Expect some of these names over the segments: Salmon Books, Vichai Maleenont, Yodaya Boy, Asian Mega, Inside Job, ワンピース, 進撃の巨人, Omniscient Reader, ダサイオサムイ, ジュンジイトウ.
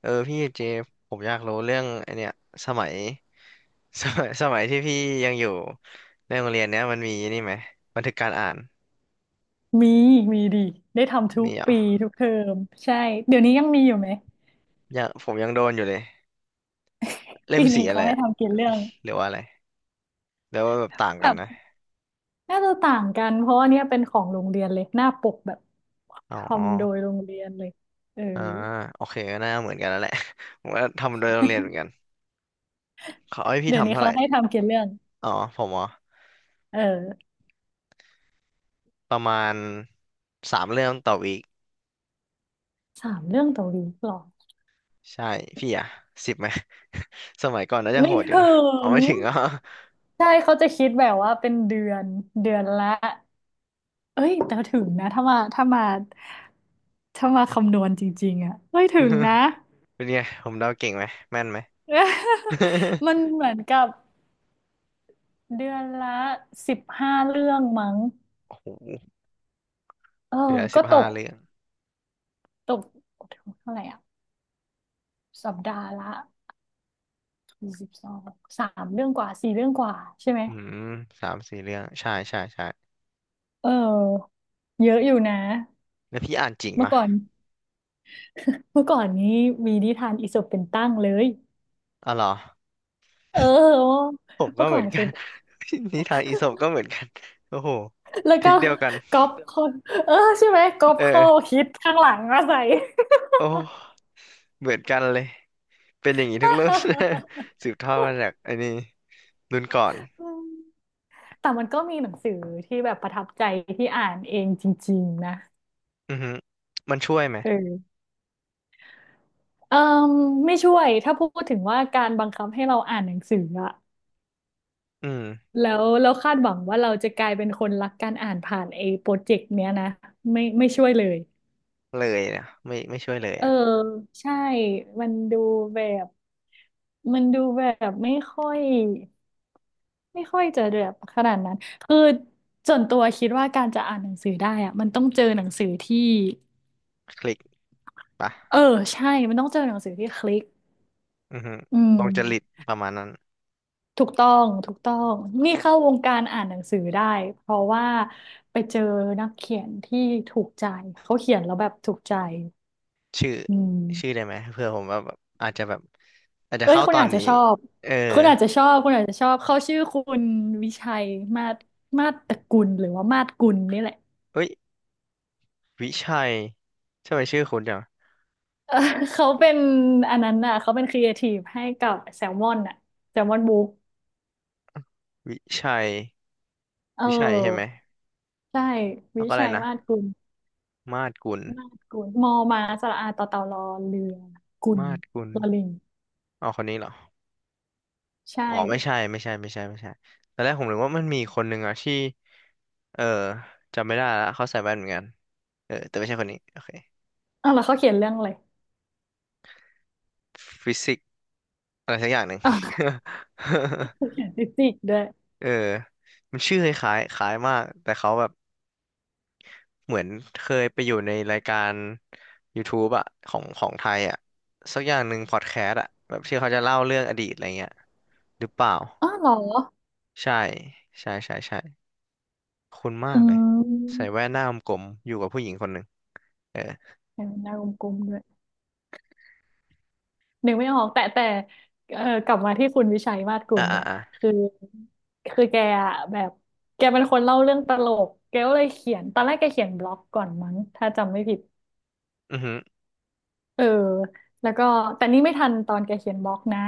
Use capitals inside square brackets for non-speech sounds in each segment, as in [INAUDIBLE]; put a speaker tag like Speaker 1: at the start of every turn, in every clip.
Speaker 1: เออพี่เจฟผมอยากรู้เรื่องไอเนี้ยสมัย [LAUGHS] สมัยที่พี่ยังอยู่ในโรงเรียนเนี้ยมันมีนี่ไหมบันทึกการอ่าน
Speaker 2: มีมีดีได้ทำทุก
Speaker 1: มีเหรอ
Speaker 2: ปีทุกเทอมใช่เดี๋ยวนี้ยังมีอยู่ไหม
Speaker 1: ยังผมยังโดนอยู่เลยเล่
Speaker 2: ปี
Speaker 1: มสี
Speaker 2: นี้
Speaker 1: อะไร
Speaker 2: เขาให้
Speaker 1: อะ
Speaker 2: ทำกี่เรื่อง
Speaker 1: หรือว่าอะไรหรือว่าแบบต่างกัน
Speaker 2: แบบ
Speaker 1: นะ
Speaker 2: น่าจะต่างกันเพราะว่าเนี่ยเป็นของโรงเรียนเลยหน้าปกแบบ
Speaker 1: อ๋
Speaker 2: ท
Speaker 1: อ
Speaker 2: ำโดยโรงเรียนเลยเออ
Speaker 1: อ่าโอเคก็น่าเหมือนกันแล้วแหละ [LAUGHS] ผมก็ทำโดยโรงเรียนเหมือนกันเขาให้พี่
Speaker 2: เดี๋ยว
Speaker 1: ทำ
Speaker 2: นี้
Speaker 1: เท่าไห
Speaker 2: เขา
Speaker 1: ร่
Speaker 2: ให้ทำกี่เรื่อง
Speaker 1: อ๋อผมอ๋อ
Speaker 2: เออ
Speaker 1: ประมาณสามเรื่องต่อวีค
Speaker 2: สามเรื่องต่อวีคหรอ
Speaker 1: ใช่พี่อะสิบไหม [LAUGHS] สมัยก่อนน่าจะโห
Speaker 2: ไม่
Speaker 1: ดอยู่นะ
Speaker 2: ถึ
Speaker 1: เอา
Speaker 2: ง
Speaker 1: ไม่ถึง [LAUGHS] อ่ะ
Speaker 2: ใช่เขาจะคิดแบบว่าเป็นเดือนเดือนละเอ้ยแต่ถึงนะถ้ามาคำนวณจริงๆอ่ะเอ้ยถึงนะ
Speaker 1: [LAUGHS] เป็นไงผมเดาเก่งไหมแม่นไหม
Speaker 2: [LAUGHS] มันเหมือนกับเดือนละ15เรื่องมั้ง
Speaker 1: โอ้โห
Speaker 2: เออ
Speaker 1: เหลือสิ
Speaker 2: ก็
Speaker 1: บ
Speaker 2: ต
Speaker 1: ห้า
Speaker 2: ก
Speaker 1: เรื่อง
Speaker 2: ตกเท่าไหร่อ่ะสัปดาห์ละ12สามเรื่องกว่าสี่เรื่องกว่าใช่ไหม
Speaker 1: อืม3-4เรื่องใช่ใช่ใช่
Speaker 2: เออเยอะอยู่นะ
Speaker 1: แล้วพี่อ่านจริง
Speaker 2: เมื่อ
Speaker 1: ปะ
Speaker 2: ก่อนเมื่อก่อนนี้มีนิทานอีสปเป็นตั้งเลย
Speaker 1: อ๋อเหรอ
Speaker 2: เออ
Speaker 1: ผมก็
Speaker 2: เมื่อ
Speaker 1: เห
Speaker 2: ก่อ
Speaker 1: มือ
Speaker 2: น
Speaker 1: นกั
Speaker 2: คือ
Speaker 1: น [LAUGHS] นิทานอีสปก็เหมือนกันโอ้โห
Speaker 2: แล้ว
Speaker 1: ทริ
Speaker 2: ก็
Speaker 1: กเดียวกัน
Speaker 2: ก๊อปข้อเออใช่ไหมก๊อปข้อ
Speaker 1: เออ
Speaker 2: คิดข้างหลังมาใส่
Speaker 1: โอ้เหมือนกันเลยเป็นอย่างนี้ทุกรุ่น [LAUGHS] สืบทอดมาจากอันนี้รุ่นก่อน
Speaker 2: [LAUGHS] แต่มันก็มีหนังสือที่แบบประทับใจที่อ่านเองจริงๆนะ
Speaker 1: อือฮึมันช่วยไหม
Speaker 2: เออเอ่มไม่ช่วยถ้าพูดถึงว่าการบังคับให้เราอ่านหนังสืออะ
Speaker 1: อืม
Speaker 2: แล้วคาดหวังว่าเราจะกลายเป็นคนรักการอ่านผ่านไอ้โปรเจกต์เนี้ยนะไม่ไม่ช่วยเลย
Speaker 1: เลยนะไม่ไม่ช่วยเลย
Speaker 2: เออ
Speaker 1: อ่ะ
Speaker 2: ใช่มันดูแบบมันดูแบบไม่ค่อยจะแบบขนาดนั้นคือส่วนตัวคิดว่าการจะอ่านหนังสือได้อะมันต้องเจอหนังสือที่
Speaker 1: คลิกปะ
Speaker 2: เออใช่มันต้องเจอหนังสือที่คลิก
Speaker 1: อือฮึ
Speaker 2: อืม
Speaker 1: ตรงจริตประมาณนั้น
Speaker 2: ถูกต้องถูกต้องนี่เข้าวงการอ่านหนังสือได้เพราะว่าไปเจอนักเขียนที่ถูกใจเขาเขียนแล้วแบบถูกใจ
Speaker 1: ชื่อ
Speaker 2: อื
Speaker 1: ชื่อได้
Speaker 2: ม
Speaker 1: ไหมเพื่อผมว่าแบบอาจจะแบบ อาจจะ
Speaker 2: เอ้ย
Speaker 1: เข้า
Speaker 2: คุณ
Speaker 1: ตอ
Speaker 2: อา
Speaker 1: น
Speaker 2: จจะ
Speaker 1: นี้
Speaker 2: ชอบ
Speaker 1: เออ
Speaker 2: คุณอาจจะชอบคุณอาจจะชอบเขาชื่อคุณวิชัยมาศมาศตระกุลหรือว่ามาศกุลนี่แหละ
Speaker 1: เฮ้ยวิชัยทำไมชื่อคุณจัง
Speaker 2: [LAUGHS] เออเขาเป็นอันนั้นน่ะเขาเป็นครีเอทีฟให้กับแซลมอนน่ะแซลมอนบุ๊ก
Speaker 1: วิชัย
Speaker 2: เอ
Speaker 1: วิชัยใช่ไหม
Speaker 2: อใช่
Speaker 1: แล้ว
Speaker 2: วิ
Speaker 1: ก็อะไร
Speaker 2: ชัย
Speaker 1: นะ
Speaker 2: มาศกุล
Speaker 1: มาดกุล
Speaker 2: มาดกุลมอมาสระอาต่อเต่ารอเรือกุล
Speaker 1: มาดกุล
Speaker 2: ลอลิง
Speaker 1: อ๋อคนนี้เหรอ
Speaker 2: ใช่
Speaker 1: อ๋อไม่ใช่ ไม่ใช่ ไม่ใช่ ไม่ใช่ตอนแรกผมนึกว่ามันมีคนหนึ่งอะที่ เออจำไม่ได้ละเขาใส่แว่นเหมือนกันเออแต่ไม่ใช่คนนี้โอเค
Speaker 2: อ้าวแล้วเขาเขียนเรื่องอะไร
Speaker 1: ฟิสิกส์อะไรสักอย่างหนึ่ง
Speaker 2: อ้าวเขาเขียนฟิสิกส์ด้วย
Speaker 1: [LAUGHS] เออมันชื่อคล้ายๆคล้ายมาก แต่เขาแบบ เหมือนเคยไปอยู่ในรายการ YouTube อะของไทยอะสักอย่างหนึ่งพอดแคสต์อะแบบที่เขาจะเล่าเรื่องอดีตอะไรเงี้ยหรือเปล่า
Speaker 2: อ้าวเหรอ
Speaker 1: ใช่ใช่ใช่ใช่คุ้นมา
Speaker 2: อื
Speaker 1: กเลยใส่
Speaker 2: ม
Speaker 1: แว่นหน้ากลมๆอยู่กับผู้หญิงคนหนึ่งเออ
Speaker 2: เห็นหน้ากลมๆด้วยนึกไม่ออกแต่เออกลับมาที่คุณวิชัยมาศกุ
Speaker 1: อ่ะ
Speaker 2: ล
Speaker 1: อ่ะ
Speaker 2: เนี่ย
Speaker 1: อ่ะ
Speaker 2: คือคือแกอะแบบแกเป็นคนเล่าเรื่องตลกแกก็เลยเขียนตอนแรกแกเขียนบล็อกก่อนมั้งถ้าจำไม่ผิด
Speaker 1: อือฮึอ
Speaker 2: เออแล้วก็แต่นี่ไม่ทันตอนแกเขียนบล็อกนะ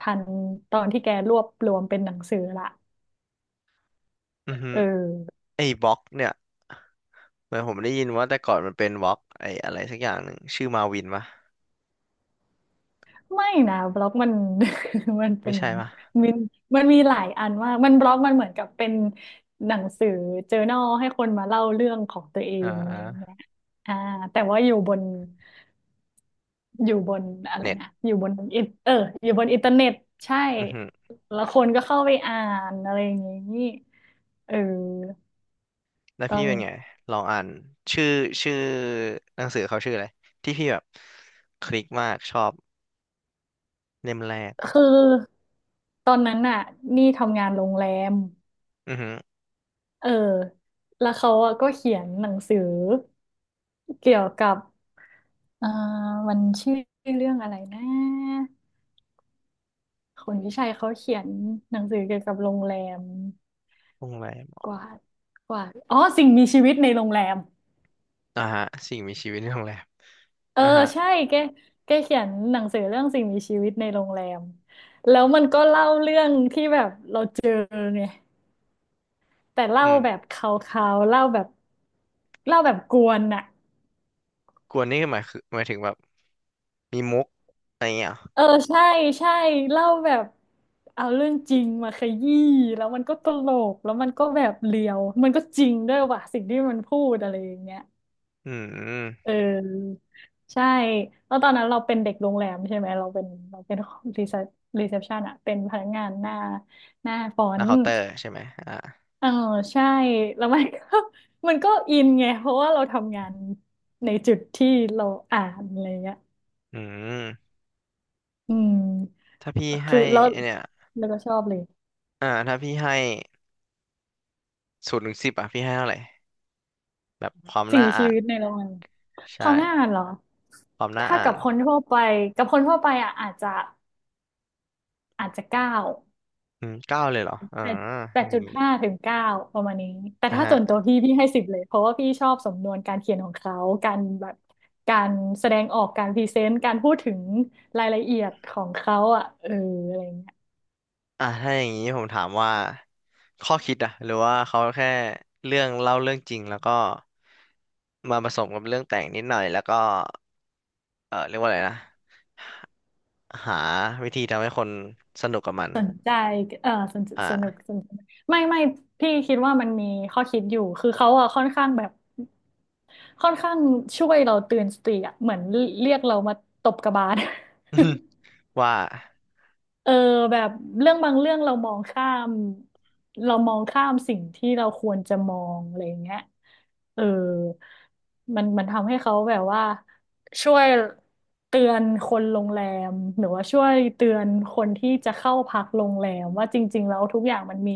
Speaker 2: ทันตอนที่แกรวบรวมเป็นหนังสือละ
Speaker 1: ือฮึ
Speaker 2: เออ
Speaker 1: ไอ้บล็อกเนี่ยเหมือนผมได้ยินว่าแต่ก่อนมันเป็นบล็อกไอ้อะไรสักอย่างหนึ่งชื่อมาวินปะ
Speaker 2: ไม่นะบล็อกมัน [LAUGHS] มัน
Speaker 1: ไม่
Speaker 2: เป็น
Speaker 1: ใช่ปะ
Speaker 2: มันมันมีหลายอันมากมันบล็อกมันเหมือนกับเป็นหนังสือเจอ r n นลให้คนมาเล่าเรื่องของตัวเอ
Speaker 1: อ่
Speaker 2: งอะไรอย่างเงี้
Speaker 1: า
Speaker 2: ยอ่าแต่ว่าอยู่บนอะไร
Speaker 1: เน็ต
Speaker 2: นะอยู่บนอินเทอร์เน็ตใช่
Speaker 1: อือฮึ
Speaker 2: แล้วคนก็เข้าไปอ่านอะไรอย่างงี้เออ
Speaker 1: แล้ว
Speaker 2: ต้อ
Speaker 1: พี่
Speaker 2: ง
Speaker 1: เป็นไงลองอ่านชื่อชื่อหนังสือเขาชื่ออะไรที่พี่แบบคลิกมากชอบเล่มแรก
Speaker 2: คือตอนนั้นน่ะนี่ทำงานโรงแรม
Speaker 1: อือฮึ
Speaker 2: เออแล้วเขาอะก็เขียนหนังสือเกี่ยวกับเอ่อมันชื่อเรื่องอะไรนะคนวิชัยเขาเขียนหนังสือเกี่ยวกับโรงแรม
Speaker 1: โรงแรม
Speaker 2: กว่าดกว่าดอ๋อสิ่งมีชีวิตในโรงแรม
Speaker 1: อ่าฮะสิ่งมีชีวิตในโรงแรม
Speaker 2: เออ
Speaker 1: อ่าฮะ
Speaker 2: ใช่แกแกเขียนหนังสือเรื่องสิ่งมีชีวิตในโรงแรมแล้วมันก็เล่าเรื่องที่แบบเราเจอไงแต่เล่า
Speaker 1: อืม
Speaker 2: แบบคาวๆเล่าแบบกวนอะ
Speaker 1: กวนนี่คือหมายถึงแบบมีมุกอะไรเงี้ยเหรอ
Speaker 2: เออใช่ใช่เล่าแบบเอาเรื่องจริงมาขยี้แล้วมันก็ตลกแล้วมันก็แบบเลียวมันก็จริงด้วยว่ะสิ่งที่มันพูดอะไรอย่างเงี้ย
Speaker 1: อื
Speaker 2: เ
Speaker 1: ม
Speaker 2: ออใช่แล้วตอนนั้นเราเป็นเด็กโรงแรมใช่ไหมเราเป็นรีเซพรีเซพชันอะเป็นพนักงานหน้าฟอ
Speaker 1: แล้ว
Speaker 2: นต์
Speaker 1: เคาน์เตอร์ใช่ไหมอ่า
Speaker 2: เออใช่แล้วมันก็ [LAUGHS] มันก็อินไงเพราะว่าเราทำงานในจุดที่เราอ่านอะไรเงี้ย
Speaker 1: อืม
Speaker 2: อืม
Speaker 1: ถ้าพี่ให้
Speaker 2: คือแล้ว
Speaker 1: ไอ้เนี่ย
Speaker 2: ก็ชอบเลย
Speaker 1: อ่าถ้าพี่ให้0 ถึง 10อ่ะพี่ให้เท่าไหร่แบบความ
Speaker 2: สิ่ง
Speaker 1: น่า
Speaker 2: มี
Speaker 1: อ่า
Speaker 2: ชี
Speaker 1: น
Speaker 2: วิตในโรงงานค
Speaker 1: ใช่
Speaker 2: วามน่าอ่านเหรอ
Speaker 1: ความน่า
Speaker 2: ถ้า
Speaker 1: อ่า
Speaker 2: กับ
Speaker 1: น
Speaker 2: คนทั่วไปอ่ะอาจจะเก้า
Speaker 1: อืม9เลยเหรออ่า
Speaker 2: แปดแปด
Speaker 1: อย่า
Speaker 2: จุ
Speaker 1: ง
Speaker 2: ด
Speaker 1: งี้
Speaker 2: ห้าถึงเก้าประมาณนี้ แต่ถ้าส่วนตั
Speaker 1: อ่า
Speaker 2: วพี่ให้สิบเลย เพราะว่าพี่ชอบสำนวนการเขียนของเขา การแบบการแสดงออกการพรีเซนต์การพูดถึงรายละเอียดของเขาอ่ะเอออะไรเงี้ย
Speaker 1: อ่ะถ้าอย่างนี้ผมถามว่าข้อคิดอะหรือว่าเขาแค่เรื่องเล่าเรื่องจริงแล้วก็มาผสมกับเรื่องแต่งนิดหน่อยแล้วก็เออเรียกว่าอะไรนะหาวิธีทำให้คนสนุกกับมัน
Speaker 2: สนใจเออสนสนุก
Speaker 1: อ่า
Speaker 2: สนุกไม่ไม่พี่คิดว่ามันมีข้อคิดอยู่ คือเขาอะค่อนข้างแบบ ค่อนข้างช่วยเราตื่นสติอะเหมือนเรียกเรามาตบกระบาล [LAUGHS]
Speaker 1: [LAUGHS] ว่า
Speaker 2: เออแบบเรื่องบางเรื่องเรามองข้ามเรามองข้ามสิ่งที่เราควรจะมองอะไรอย่างเงี้ยเออมันทำให้เขาแบบว่าช่วยเตือนคนโรงแรมหรือว่าช่วยเตือนคนที่จะเข้าพักโรงแรมว่าจริงๆแล้วทุกอย่าง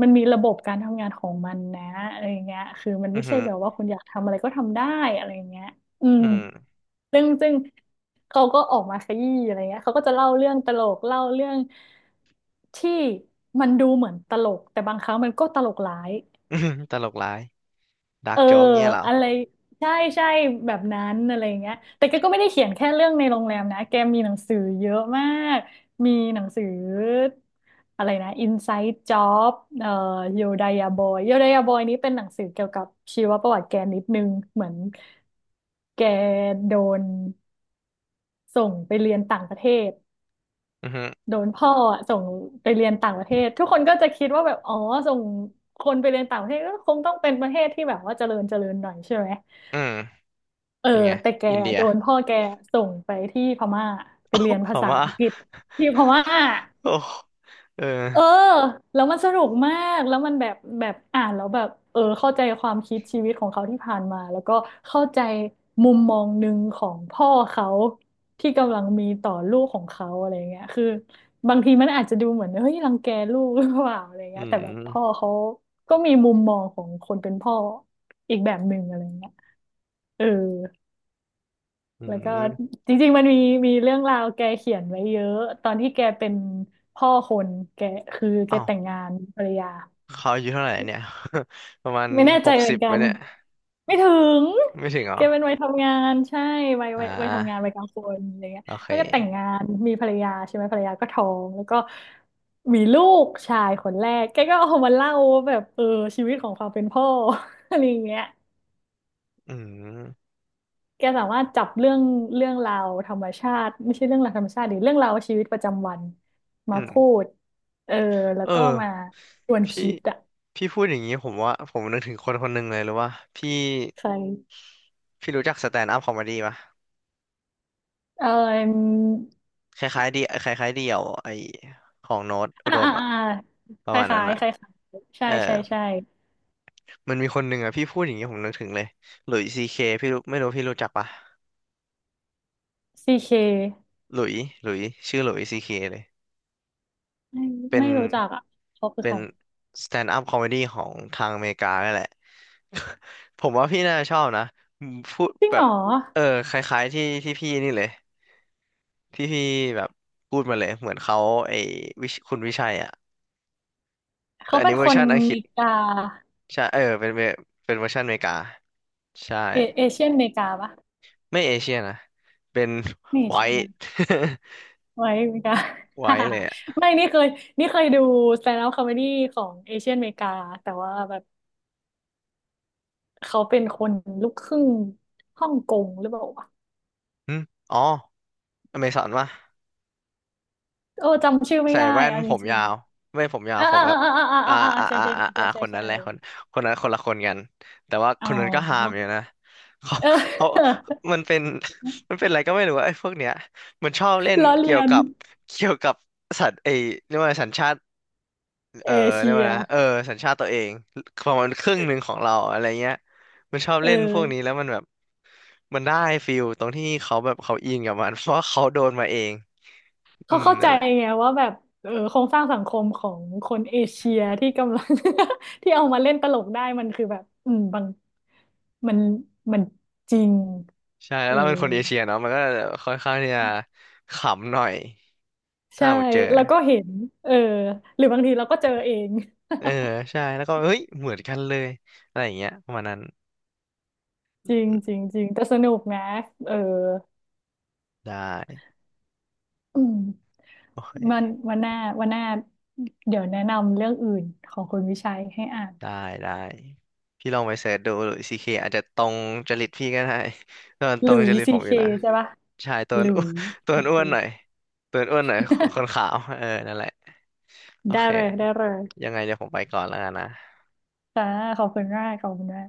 Speaker 2: มันมีระบบการทำงานของมันนะอะไรอย่างเงี้ยคือมัน
Speaker 1: อื
Speaker 2: ไม่
Speaker 1: อ
Speaker 2: ใช่
Speaker 1: หือ
Speaker 2: แบบว่าคุณอยากทำอะไรก็ทำได้อะไรอย่างเงี้ยอืม
Speaker 1: อืม [LAUGHS]
Speaker 2: ซึ่งเขาก็ออกมาขยี้อะไรเงี้ยเขาก็จะเล่าเรื่องตลกเล่าเรื่องที่มันดูเหมือนตลกแต่บางครั้งมันก็ตลกร้าย
Speaker 1: อือหือตลกร้ายดาร์
Speaker 2: เอ
Speaker 1: ก
Speaker 2: อ
Speaker 1: โจ๊กเงี้ยเหรอ
Speaker 2: อะไรใช่ใช่แบบนั้นอะไรเงี้ยแต่แกก็ไม่ได้เขียนแค่เรื่องในโรงแรมนะแกมีหนังสือเยอะมากมีหนังสืออะไรนะ Inside Job เอ่อ Yodaya Boy Yodaya Boy นี้เป็นหนังสือเกี่ยวกับชีวประวัติแกนิดนึงเหมือนแกโดน ส่งไปเรียนต่างประเทศ
Speaker 1: อือหือ
Speaker 2: โดนพ่ออะส่งไปเรียนต่างประเทศทุกคนก็จะคิดว่าแบบอ๋อส่งคนไปเรียนต่างประเทศก็คงต้องเป็นประเทศที่แบบว่าเจริญเจริญหน่อยใช่ไหม
Speaker 1: อืม
Speaker 2: เออ
Speaker 1: ยังไง
Speaker 2: แต่แก
Speaker 1: อินเดีย
Speaker 2: โดนพ่อแกส่งไปที่พม่าไปเรียน
Speaker 1: [COUGHS] [LAUGHS] พ
Speaker 2: ภาษา
Speaker 1: ม่า
Speaker 2: อังกฤษที่พม่า
Speaker 1: [COUGHS] โอ้เออ
Speaker 2: เออแล้วมันสนุกมากแล้วมันแบบอ่านแล้วแบบเข้าใจความคิดชีวิตของเขาที่ผ่านมาแล้วก็เข้าใจมุมมองหนึ่งของพ่อเขาที่กำลังมีต่อลูกของเขาอะไรเงี้ยคือบางทีมันอาจจะดูเหมือนเฮ้ยรังแกลูกหรือเปล่าอะไร
Speaker 1: อื
Speaker 2: เงี้ยแต่แบบพ่อ
Speaker 1: ม
Speaker 2: เขาก็มีมุมมองของคนเป็นพ่ออีกแบบหนึ่งอะไรเงี้ยเออ
Speaker 1: อื
Speaker 2: แล้วก็
Speaker 1: ม
Speaker 2: จริงๆมันมีมีเรื่องราวแกเขียนไว้เยอะตอนที่แกเป็นพ่อคนแกคือแก
Speaker 1: อ้าว
Speaker 2: แต่งงานมีภรรยา
Speaker 1: เขาอายุเท่าไหร่เนี่ย [LAUGHS] ประมาณ
Speaker 2: ไม่แน่
Speaker 1: ห
Speaker 2: ใจ
Speaker 1: ก
Speaker 2: เหมื
Speaker 1: สิ
Speaker 2: อน
Speaker 1: บไห
Speaker 2: กั
Speaker 1: ม
Speaker 2: น
Speaker 1: เนี่ย
Speaker 2: ไม่ถึง
Speaker 1: ไม่ถึงเหร
Speaker 2: แก
Speaker 1: อ
Speaker 2: เป็นวัยทำงานใช่วัย
Speaker 1: อ่
Speaker 2: วัยวัยทำงานวั
Speaker 1: า
Speaker 2: ยกลางคนอะไรเงี้ย
Speaker 1: โอเค
Speaker 2: แล้วก็แต่งงานมีภรรยาใช่ไหมภรรยาก็ท้องแล้วก็มีลูกชายคนแรกแกก็เอามาเล่าว่าแบบชีวิตของความเป็นพ่อ [LAUGHS] อะไรอย่างเงี้ย
Speaker 1: อืม
Speaker 2: แกสามารถจับเรื่องเรื่องราวธรรมชาติไม่ใช่เรื่องราวธรรมชาติดรเรื่องราวชีวิตประจำวันมา
Speaker 1: อืม
Speaker 2: พูดเออแล้
Speaker 1: เอ
Speaker 2: วก็มา
Speaker 1: อ
Speaker 2: ชวน
Speaker 1: พี่
Speaker 2: คิดอะ
Speaker 1: พี่พูดอย่างนี้ผมว่าผมนึกถึงคนคนหนึ่งเลยหรือว่าพี่
Speaker 2: ใคร
Speaker 1: พี่รู้จักสแตนด์อัพคอมเดี้ปะ
Speaker 2: เออ
Speaker 1: คล้ายๆดีคล้ายๆเดี่ยวไอของโน้ตอุ
Speaker 2: อ่า
Speaker 1: ดม
Speaker 2: อ่า
Speaker 1: อะ
Speaker 2: อ่า
Speaker 1: ป
Speaker 2: ค
Speaker 1: ระ
Speaker 2: ล้า
Speaker 1: มา
Speaker 2: ย
Speaker 1: ณ
Speaker 2: ค
Speaker 1: นั้
Speaker 2: ล้า
Speaker 1: น
Speaker 2: ย
Speaker 1: อะ
Speaker 2: คล้ายๆใช่
Speaker 1: เออ
Speaker 2: ใช่ใช่
Speaker 1: มันมีคนหนึ่งอะพี่พูดอย่างนี้ผมนึกถึงเลยหลุยซีเคพี่รู้ไม่รู้พี่รู้จักปะ
Speaker 2: ซีเค
Speaker 1: หลุยหลุยชื่อหลุยซีเคเลย
Speaker 2: ไม่
Speaker 1: เป็น
Speaker 2: ไม่รู้จักอ่ะเขาคือ
Speaker 1: เป็
Speaker 2: ใค
Speaker 1: น
Speaker 2: ร
Speaker 1: สแตนด์อัพคอมเมดี้ของทางอเมริกานั่นแหละ [LAUGHS] ผมว่าพี่น่าจะชอบนะพูด
Speaker 2: จริง
Speaker 1: แบ
Speaker 2: เหร
Speaker 1: บ
Speaker 2: อ
Speaker 1: เออคล้ายๆที่พี่นี่เลยที่พี่แบบพูดมาเลยเหมือนเขาไอ้วิชคุณวิชัยอ่ะแต่
Speaker 2: เขา
Speaker 1: อัน
Speaker 2: เป็น
Speaker 1: นี้เวอ
Speaker 2: ค
Speaker 1: ร์
Speaker 2: น
Speaker 1: ชันอังกฤ
Speaker 2: เม
Speaker 1: ษ
Speaker 2: กา
Speaker 1: ใช่เออเป็นเวอร์ชันอเมริกาใช่
Speaker 2: เอเอเชียนเมกาปะ
Speaker 1: ไม่เอเชียนะเป็น
Speaker 2: ไม่
Speaker 1: ไว
Speaker 2: ใช่
Speaker 1: ท์
Speaker 2: นะ ไว้เมกา
Speaker 1: [LAUGHS] ไวท์ [LAUGHS] เลยอ่ะ
Speaker 2: [LAUGHS] ไม่นี่เคยนี่เคยดูสแตนด์อัพคอมเมดี้ของเอเชียนเมกาแต่ว่าแบบเขาเป็นคนลูกครึ่งฮ่องกงหรือเปล่าวะ
Speaker 1: หึอ๋ออเมซอนป่ะ
Speaker 2: จำชื่อไม่
Speaker 1: ใส่
Speaker 2: ได้
Speaker 1: แว่น
Speaker 2: เอ่ะ
Speaker 1: ผ
Speaker 2: จ
Speaker 1: ม
Speaker 2: ริง
Speaker 1: ยาวไม่ผมยา
Speaker 2: ๆ
Speaker 1: ว
Speaker 2: อ่า
Speaker 1: ผม
Speaker 2: อ่า
Speaker 1: แบบ
Speaker 2: อ่าอ่าอ่า
Speaker 1: อ่า
Speaker 2: อ่าอ่า
Speaker 1: อ่า
Speaker 2: ใช่
Speaker 1: อ่า
Speaker 2: ใช่
Speaker 1: อ่า
Speaker 2: ใช่ใช่
Speaker 1: อ่า
Speaker 2: ใช่
Speaker 1: คนนั้
Speaker 2: ใช่
Speaker 1: นแหละคนคนนั้นคนละคนกันแต่ว่า
Speaker 2: อ๋
Speaker 1: ค
Speaker 2: อ
Speaker 1: นนั้นก็หามอยู่นะเขา
Speaker 2: เออ
Speaker 1: เขามันเป็น [LAUGHS] มันเป็นอะไรก็ไม่รู้ว่าไอ้พวกเนี้ยมันชอบเล่น
Speaker 2: [LAUGHS] ล้อ
Speaker 1: เกี่
Speaker 2: เลี
Speaker 1: ยว
Speaker 2: ยน
Speaker 1: กับเกี่ยวกับสัตว์ไอ้เรียกว่าสัญชาติเอ
Speaker 2: เอ
Speaker 1: อเรี
Speaker 2: เชี
Speaker 1: ยก
Speaker 2: ย
Speaker 1: ว่านะเออสัญชาติตัวเองประมาณครึ่งหนึ่งของเราอะไรเงี้ยมันชอบ
Speaker 2: เออ
Speaker 1: เล่นพวกนี้แล้วมันแบบมันได้ฟิลตรงที่เขาแบบเขาอินกับมันเพราะว่าเขาโดนมาเองอื
Speaker 2: เขา
Speaker 1: ม
Speaker 2: เข้าใจ
Speaker 1: นั่นแหละ
Speaker 2: ไงว่าแบบโครงสร้างสังคมของคนเอเชียที่กำลัง [LAUGHS] ที่เอามาเล่นตลกได้มันคือแบบอืมบาง มันมันจริง
Speaker 1: ใช่แล้
Speaker 2: เอ
Speaker 1: ว
Speaker 2: อ
Speaker 1: เราเป็นคนเอเชียเนาะมันก็ค่อนข้างที่จะขำหน่อยถ้า
Speaker 2: ใช่
Speaker 1: หมดเจอ
Speaker 2: แล้วก็เห็นเออหรือบางทีเราก็เจอเอง
Speaker 1: เออใช่แล้วก็เฮ้ยเหมือนกันเลยอะไรอย่างเงี้ยประมาณนั้น
Speaker 2: จริง
Speaker 1: อื
Speaker 2: จ
Speaker 1: ม
Speaker 2: ริงจริงแต่สนุกนะเออ
Speaker 1: ได้
Speaker 2: อืม
Speaker 1: โอเค
Speaker 2: มันวันหน้าวันหน้าเดี๋ยวแนะนำเรื่องอื่นของคุณวิชัยให้อ่าน
Speaker 1: ได้ได้พี่ลองไปเสิร์ชดูหรือซีเคอาจจะตรงจริตพี่ก็ได้ตอนต
Speaker 2: ห
Speaker 1: ร
Speaker 2: ลุ
Speaker 1: ง
Speaker 2: ย
Speaker 1: จริต
Speaker 2: ซี
Speaker 1: ผมอ
Speaker 2: เค
Speaker 1: ยู่นะ
Speaker 2: ใช่ปะ
Speaker 1: ใช่ตัว
Speaker 2: หลุ
Speaker 1: อ้วน
Speaker 2: ย
Speaker 1: ตัว
Speaker 2: โอเค
Speaker 1: อ้วนหน่อยตัวอ้วนหน่อยคนขาวเออนั่นแหละโอ
Speaker 2: ได้
Speaker 1: เค
Speaker 2: เลยได้เลย
Speaker 1: ยังไงเดี๋ยวผมไปก่อนแล้วกันนะ
Speaker 2: ค่ะขอบคุณมากขอบคุณมาก